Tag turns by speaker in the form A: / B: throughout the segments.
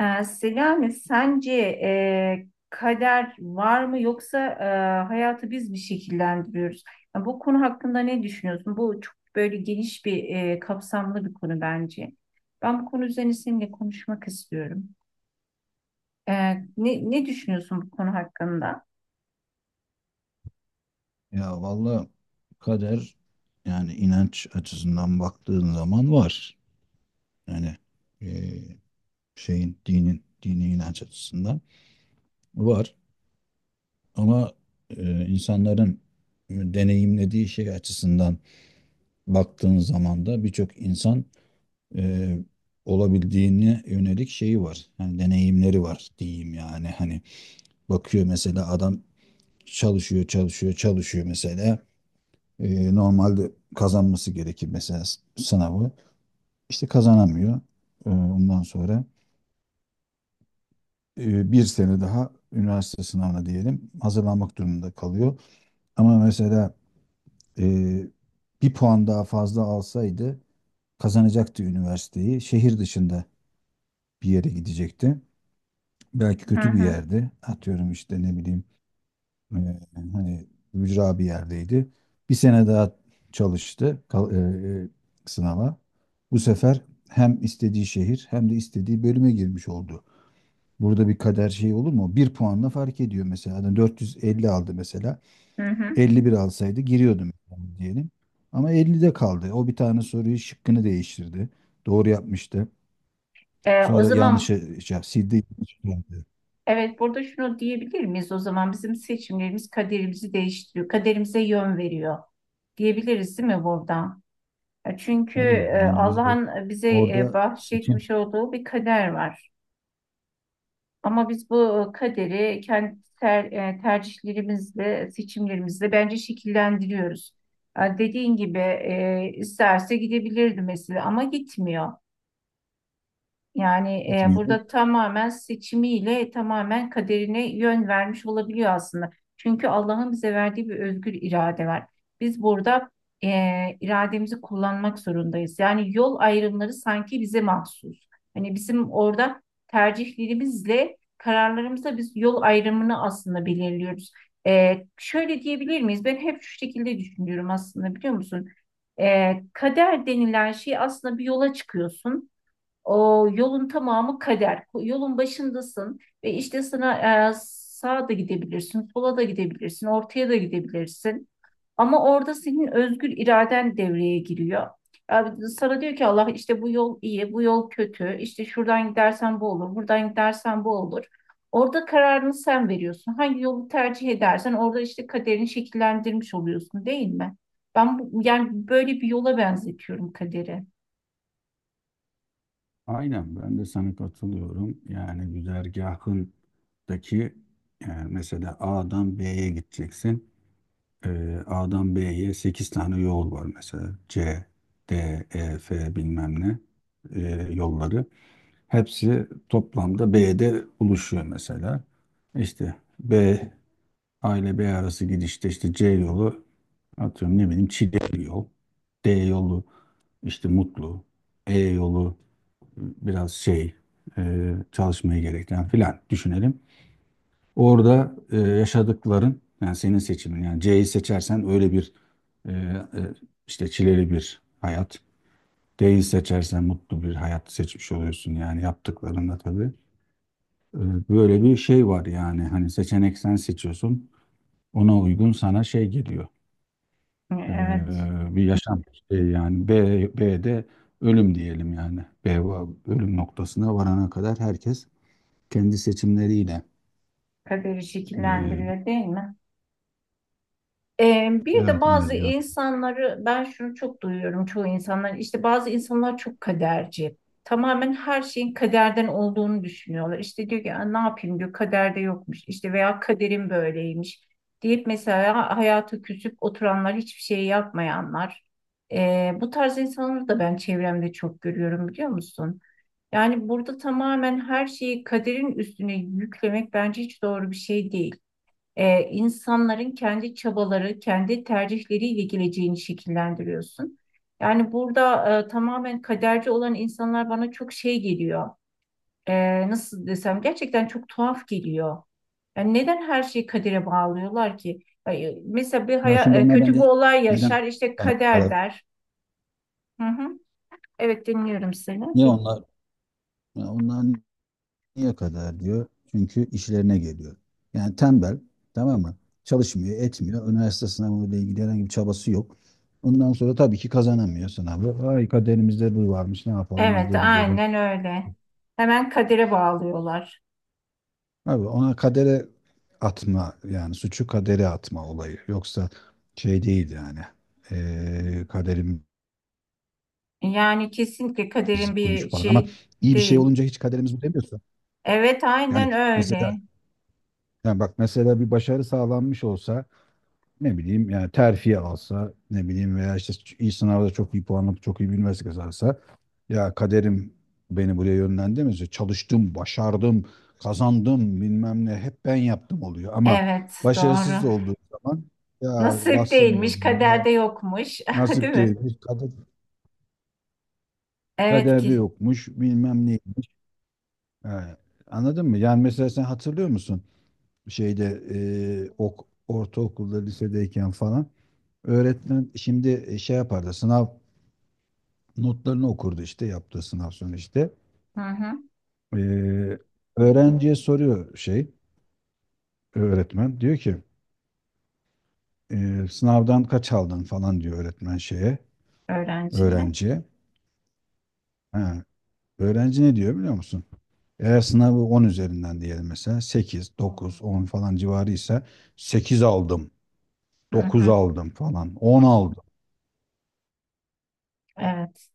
A: Selami, sence kader var mı yoksa hayatı biz mi şekillendiriyoruz? Yani bu konu hakkında ne düşünüyorsun? Bu çok böyle geniş bir kapsamlı bir konu bence. Ben bu konu üzerine seninle konuşmak istiyorum. Ee, ne düşünüyorsun bu konu hakkında?
B: Ya vallahi kader yani inanç açısından baktığın zaman var. Yani eee, şeyin dinin dini inanç açısından var. Ama insanların deneyimlediği şey açısından baktığın zaman da birçok insan eee, olabildiğine yönelik şeyi var. Yani deneyimleri var diyeyim yani. Hani bakıyor mesela adam çalışıyor çalışıyor çalışıyor mesela. Normalde kazanması gerekir mesela sınavı. İşte kazanamıyor. Ondan sonra bir sene daha üniversite sınavına diyelim hazırlanmak durumunda kalıyor. Ama mesela e, bir puan daha fazla alsaydı kazanacaktı üniversiteyi. Şehir dışında bir yere gidecekti. Belki
A: Hı
B: kötü bir
A: hı,
B: yerde. Atıyorum işte ne bileyim. Ee, hani ücra bir yerdeydi. Bir sene daha çalıştı sınava. Bu sefer hem istediği şehir hem de istediği bölüme girmiş oldu. Burada bir kader şeyi olur mu? Bir puanla fark ediyor mesela. Adam 450 aldı mesela.
A: hı hı.
B: 51 alsaydı giriyordu mesela diyelim. Ama 50'de kaldı. O bir tane soruyu şıkkını değiştirdi. Doğru yapmıştı.
A: O
B: Sonra
A: zaman
B: yanlışı şey, sildi. Yanlış geldi.
A: evet, burada şunu diyebilir miyiz? O zaman bizim seçimlerimiz kaderimizi değiştiriyor, kaderimize yön veriyor diyebiliriz değil mi burada? Çünkü
B: Tabii yani biz
A: Allah'ın bize
B: orada seçim
A: bahşetmiş olduğu bir kader var. Ama biz bu kaderi kendi tercihlerimizle, seçimlerimizle bence şekillendiriyoruz. Dediğin gibi isterse gidebilirdi mesela ama gitmiyor. Yani
B: bitmiyor.
A: burada tamamen seçimiyle tamamen kaderine yön vermiş olabiliyor aslında. Çünkü Allah'ın bize verdiği bir özgür irade var. Biz burada irademizi kullanmak zorundayız. Yani yol ayrımları sanki bize mahsus. Hani bizim orada tercihlerimizle kararlarımızla biz yol ayrımını aslında belirliyoruz. E, şöyle diyebilir miyiz? Ben hep şu şekilde düşünüyorum aslında, biliyor musun? E, kader denilen şey aslında, bir yola çıkıyorsun. O yolun tamamı kader. Yolun başındasın ve işte sana sağa da gidebilirsin, sola da gidebilirsin, ortaya da gidebilirsin. Ama orada senin özgür iraden devreye giriyor. E, sana diyor ki Allah, işte bu yol iyi, bu yol kötü, işte şuradan gidersen bu olur, buradan gidersen bu olur. Orada kararını sen veriyorsun. Hangi yolu tercih edersen orada işte kaderini şekillendirmiş oluyorsun, değil mi? Ben bu, yani böyle bir yola benzetiyorum kaderi.
B: Aynen ben de sana katılıyorum. Yani güzergahındaki yani mesela A'dan B'ye gideceksin. A'dan B'ye 8 tane yol var mesela. C, D, E, F bilmem ne yolları. Hepsi toplamda B'de buluşuyor mesela. İşte B, A ile B arası gidişte işte C yolu, atıyorum ne bileyim, Çileli yol. D yolu işte Mutlu. E yolu biraz şey, çalışmayı gerektiren filan düşünelim. Orada yaşadıkların yani senin seçimin yani C'yi seçersen öyle bir e, e, işte çileli bir hayat. D'yi seçersen mutlu bir hayat seçmiş oluyorsun yani yaptıklarında tabii. E, böyle bir şey var yani hani seçenek sen seçiyorsun, ona uygun sana şey geliyor. E,
A: Evet.
B: bir yaşam şey yani B'de ölüm diyelim yani. B, ölüm noktasına varana kadar herkes kendi seçimleriyle.
A: Kaderi
B: Ee,
A: şekillendiriyor değil mi? Bir de
B: evet evet
A: bazı
B: ya.
A: insanları, ben şunu çok duyuyorum, çoğu insanlar işte bazı insanlar çok kaderci. Tamamen her şeyin kaderden olduğunu düşünüyorlar. İşte diyor ki, "Aa, ne yapayım diyor, kaderde yokmuş işte veya kaderim böyleymiş," deyip mesela hayata küsüp oturanlar, hiçbir şey yapmayanlar. Bu tarz insanları da ben çevremde çok görüyorum, biliyor musun? Yani burada tamamen her şeyi kaderin üstüne yüklemek bence hiç doğru bir şey değil. E, insanların kendi çabaları, kendi tercihleriyle geleceğini şekillendiriyorsun. Yani burada tamamen kaderci olan insanlar bana çok şey geliyor. E, nasıl desem, gerçekten çok tuhaf geliyor. Yani neden her şeyi kadere bağlıyorlar ki? Ay, e, mesela bir
B: Ya şimdi onlar
A: kötü bir
B: bence
A: olay
B: neden
A: yaşar, işte
B: kara-
A: kader
B: kara-
A: der. Hı hı. Evet, dinliyorum seni.
B: niye onlar, ya onlar niye kadar diyor? Çünkü işlerine geliyor. Yani tembel, tamam mı? Çalışmıyor, etmiyor. Üniversite sınavıyla ilgili herhangi bir çabası yok. Ondan sonra tabii ki kazanamıyor sınavı. Ay, kaderimizde bu varmış. Ne yapalım, biz
A: Evet,
B: de gidelim.
A: aynen öyle. Hemen kadere bağlıyorlar.
B: Abi ona kadere atma, yani suçu kadere atma olayı. Yoksa şey değil yani. Kaderim
A: Yani kesinlikle
B: biz
A: kaderin
B: koymuş
A: bir
B: falan ama
A: şey
B: iyi bir şey
A: değil.
B: olunca hiç kaderimiz bu demiyorsa.
A: Evet,
B: Yani
A: aynen
B: mesela,
A: öyle.
B: yani bak mesela bir başarı sağlanmış olsa, ne bileyim yani terfi alsa, ne bileyim veya işte iyi sınavda çok iyi puan alıp çok iyi bir üniversite kazansa, ya kaderim beni buraya yönlendirmedi. Çalıştım, başardım, kazandım bilmem ne, hep ben yaptım oluyor ama
A: Evet,
B: başarısız
A: doğru.
B: olduğu zaman ya
A: Nasip
B: bastım
A: değilmiş,
B: burnuna,
A: kaderde yokmuş, değil
B: nasip
A: mi?
B: değilmiş kader,
A: Evet
B: kaderde
A: ki.
B: yokmuş bilmem neymiş. Ha, anladın mı? Yani mesela sen hatırlıyor musun? Şeyde ortaokulda lisedeyken falan, öğretmen şimdi şey yapardı, sınav notlarını okurdu işte yaptığı sınav sonu işte.
A: Hı hı.
B: E, öğrenciye soruyor, şey öğretmen diyor ki sınavdan kaç aldın falan, diyor öğretmen şeye,
A: Öğrenciye.
B: öğrenciye. Ha, öğrenci ne diyor biliyor musun? Eğer sınavı 10 üzerinden diyelim, mesela 8 9 10 falan civarı ise 8 aldım,
A: Hı
B: 9
A: hı.
B: aldım falan, 10 aldım.
A: Evet.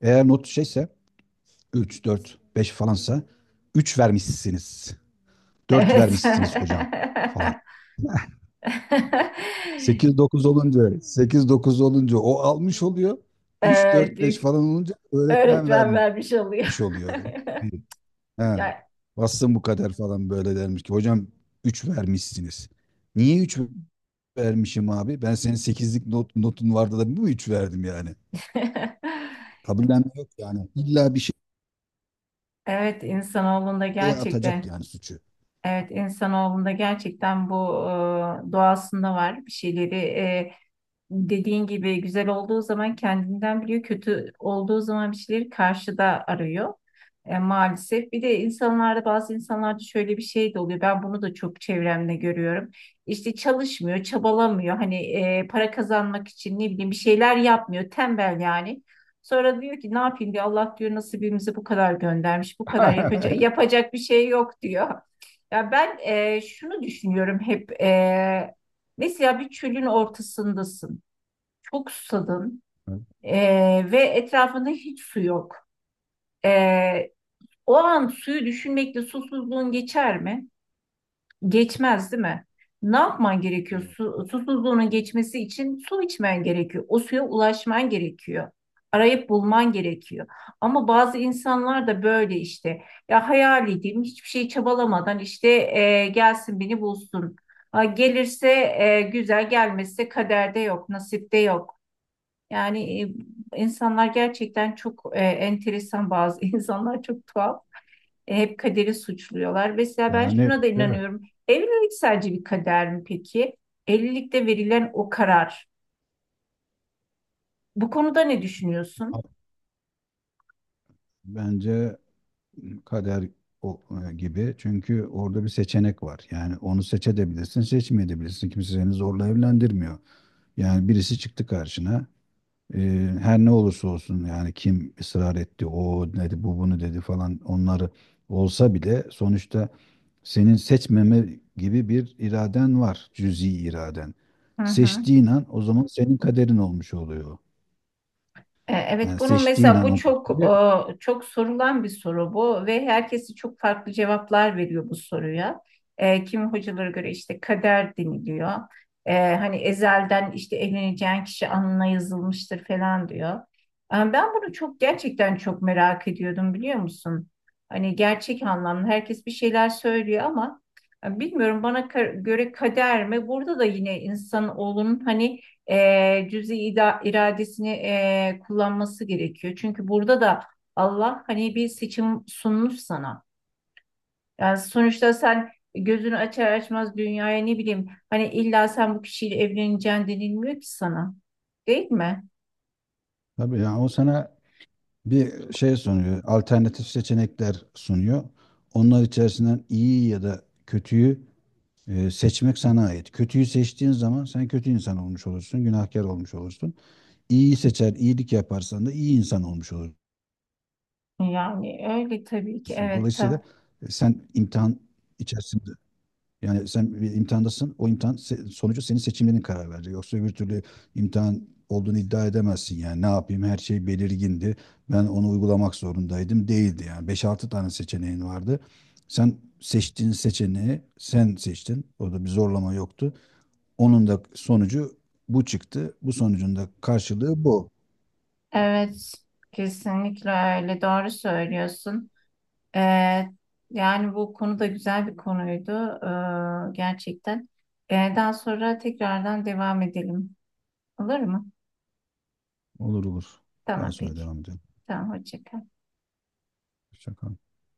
B: Eğer not şeyse, 3, 4, 5 falansa, 3 vermişsiniz, 4
A: Evet.
B: vermişsiniz hocam falan. 8, 9 olunca 8, 9 olunca o almış oluyor. 3,
A: Evet,
B: 4, 5 falan olunca öğretmen
A: öğretmen
B: vermiş
A: vermiş oluyor.
B: oluyor. He.
A: Ya.
B: Bassın bu kadar falan, böyle dermiş ki hocam 3 vermişsiniz. Niye 3 vermişim abi? Ben senin sekizlik not, notun vardı da bu mu, 3 verdim yani? Kabullenme yok yani. İlla bir
A: Evet, insanoğlunda
B: şeye atacak
A: gerçekten.
B: yani suçu.
A: Evet, insanoğlunda gerçekten bu doğasında var bir şeyleri. Dediğin gibi güzel olduğu zaman kendinden biliyor, kötü olduğu zaman bir şeyleri karşıda arıyor. E, maalesef. Bir de insanlarda, bazı insanlarda şöyle bir şey de oluyor. Ben bunu da çok çevremde görüyorum. İşte çalışmıyor, çabalamıyor. Hani para kazanmak için ne bileyim bir şeyler yapmıyor. Tembel yani. Sonra diyor ki ne yapayım diyor. Allah diyor nasibimizi bu kadar göndermiş. Bu kadar, yapacak yapacak bir şey yok diyor. Ya ben şunu düşünüyorum hep. E, mesela bir çölün ortasındasın, çok susadın ve etrafında hiç su yok. Ee, O an suyu düşünmekle susuzluğun geçer mi? Geçmez, değil mi? Ne yapman gerekiyor?
B: Yok.
A: Su, susuzluğunun geçmesi için su içmen gerekiyor. O suya ulaşman gerekiyor. Arayıp bulman gerekiyor. Ama bazı insanlar da böyle işte. Ya hayal edeyim, hiçbir şey çabalamadan işte gelsin beni bulsun. Ha, gelirse güzel, gelmezse kaderde yok, nasipte yok. Yani insanlar gerçekten çok enteresan, bazı insanlar çok tuhaf. E, hep kaderi suçluyorlar. Mesela ben
B: Yani
A: şuna da
B: işte
A: inanıyorum. Evlilik sadece bir kader mi peki? Evlilikte verilen o karar. Bu konuda ne düşünüyorsun?
B: bence kader o- gibi. Çünkü orada bir seçenek var. Yani onu seçebilirsin, seçmeyebilirsin. Kimse seni zorla evlendirmiyor. Yani birisi çıktı karşına. Ee, her ne olursa olsun, yani kim ısrar etti, o dedi, bu bunu dedi falan, onları olsa bile sonuçta senin seçmeme gibi bir iraden var, cüzi iraden.
A: Hı hı.
B: Seçtiğin an o zaman senin kaderin olmuş oluyor.
A: E, evet,
B: Yani
A: bunu
B: seçtiğin
A: mesela,
B: an
A: bu
B: o
A: çok
B: kaderi,
A: çok sorulan bir soru bu ve herkesi çok farklı cevaplar veriyor bu soruya. E, kimi hocalara göre işte kader deniliyor. E, hani ezelden işte evleneceğin kişi alnına yazılmıştır falan diyor. E, ben bunu çok, gerçekten çok merak ediyordum, biliyor musun? Hani gerçek anlamda herkes bir şeyler söylüyor ama bilmiyorum, bana göre kader mi? Burada da yine insan olun hani iradesini kullanması gerekiyor. Çünkü burada da Allah hani bir seçim sunmuş sana. Yani sonuçta sen gözünü açar açmaz dünyaya ne bileyim hani illa sen bu kişiyle evleneceksin denilmiyor ki sana. Değil mi?
B: tabii yani o sana bir şey sunuyor, alternatif seçenekler sunuyor. Onlar içerisinden iyi ya da kötüyü seçmek sana ait. Kötüyü seçtiğin zaman sen kötü insan olmuş olursun, günahkar olmuş olursun. İyiyi seçer, iyilik yaparsan da iyi insan olmuş olursun.
A: Yani öyle tabii ki, evet tabii.
B: Dolayısıyla sen imtihan içerisinde, yani sen bir imtihandasın. O imtihan sonucu senin seçimlerin karar verecek. Yoksa öbür türlü imtihan olduğunu iddia edemezsin yani. Ne yapayım? Her şey belirgindi. Ben onu uygulamak zorundaydım. Değildi yani. Beş altı tane seçeneğin vardı. Sen seçtiğin seçeneği sen seçtin. Orada bir zorlama yoktu. Onun da sonucu bu çıktı. Bu sonucun da karşılığı bu.
A: Evet, kesinlikle öyle. Doğru söylüyorsun. Ee, yani bu konu da güzel bir konuydu gerçekten. Daha sonra tekrardan devam edelim. Olur mu?
B: Olur olur. Daha
A: Tamam
B: sonra
A: peki.
B: devam edelim.
A: Tamam, hoşça kal.
B: Hoşça kal.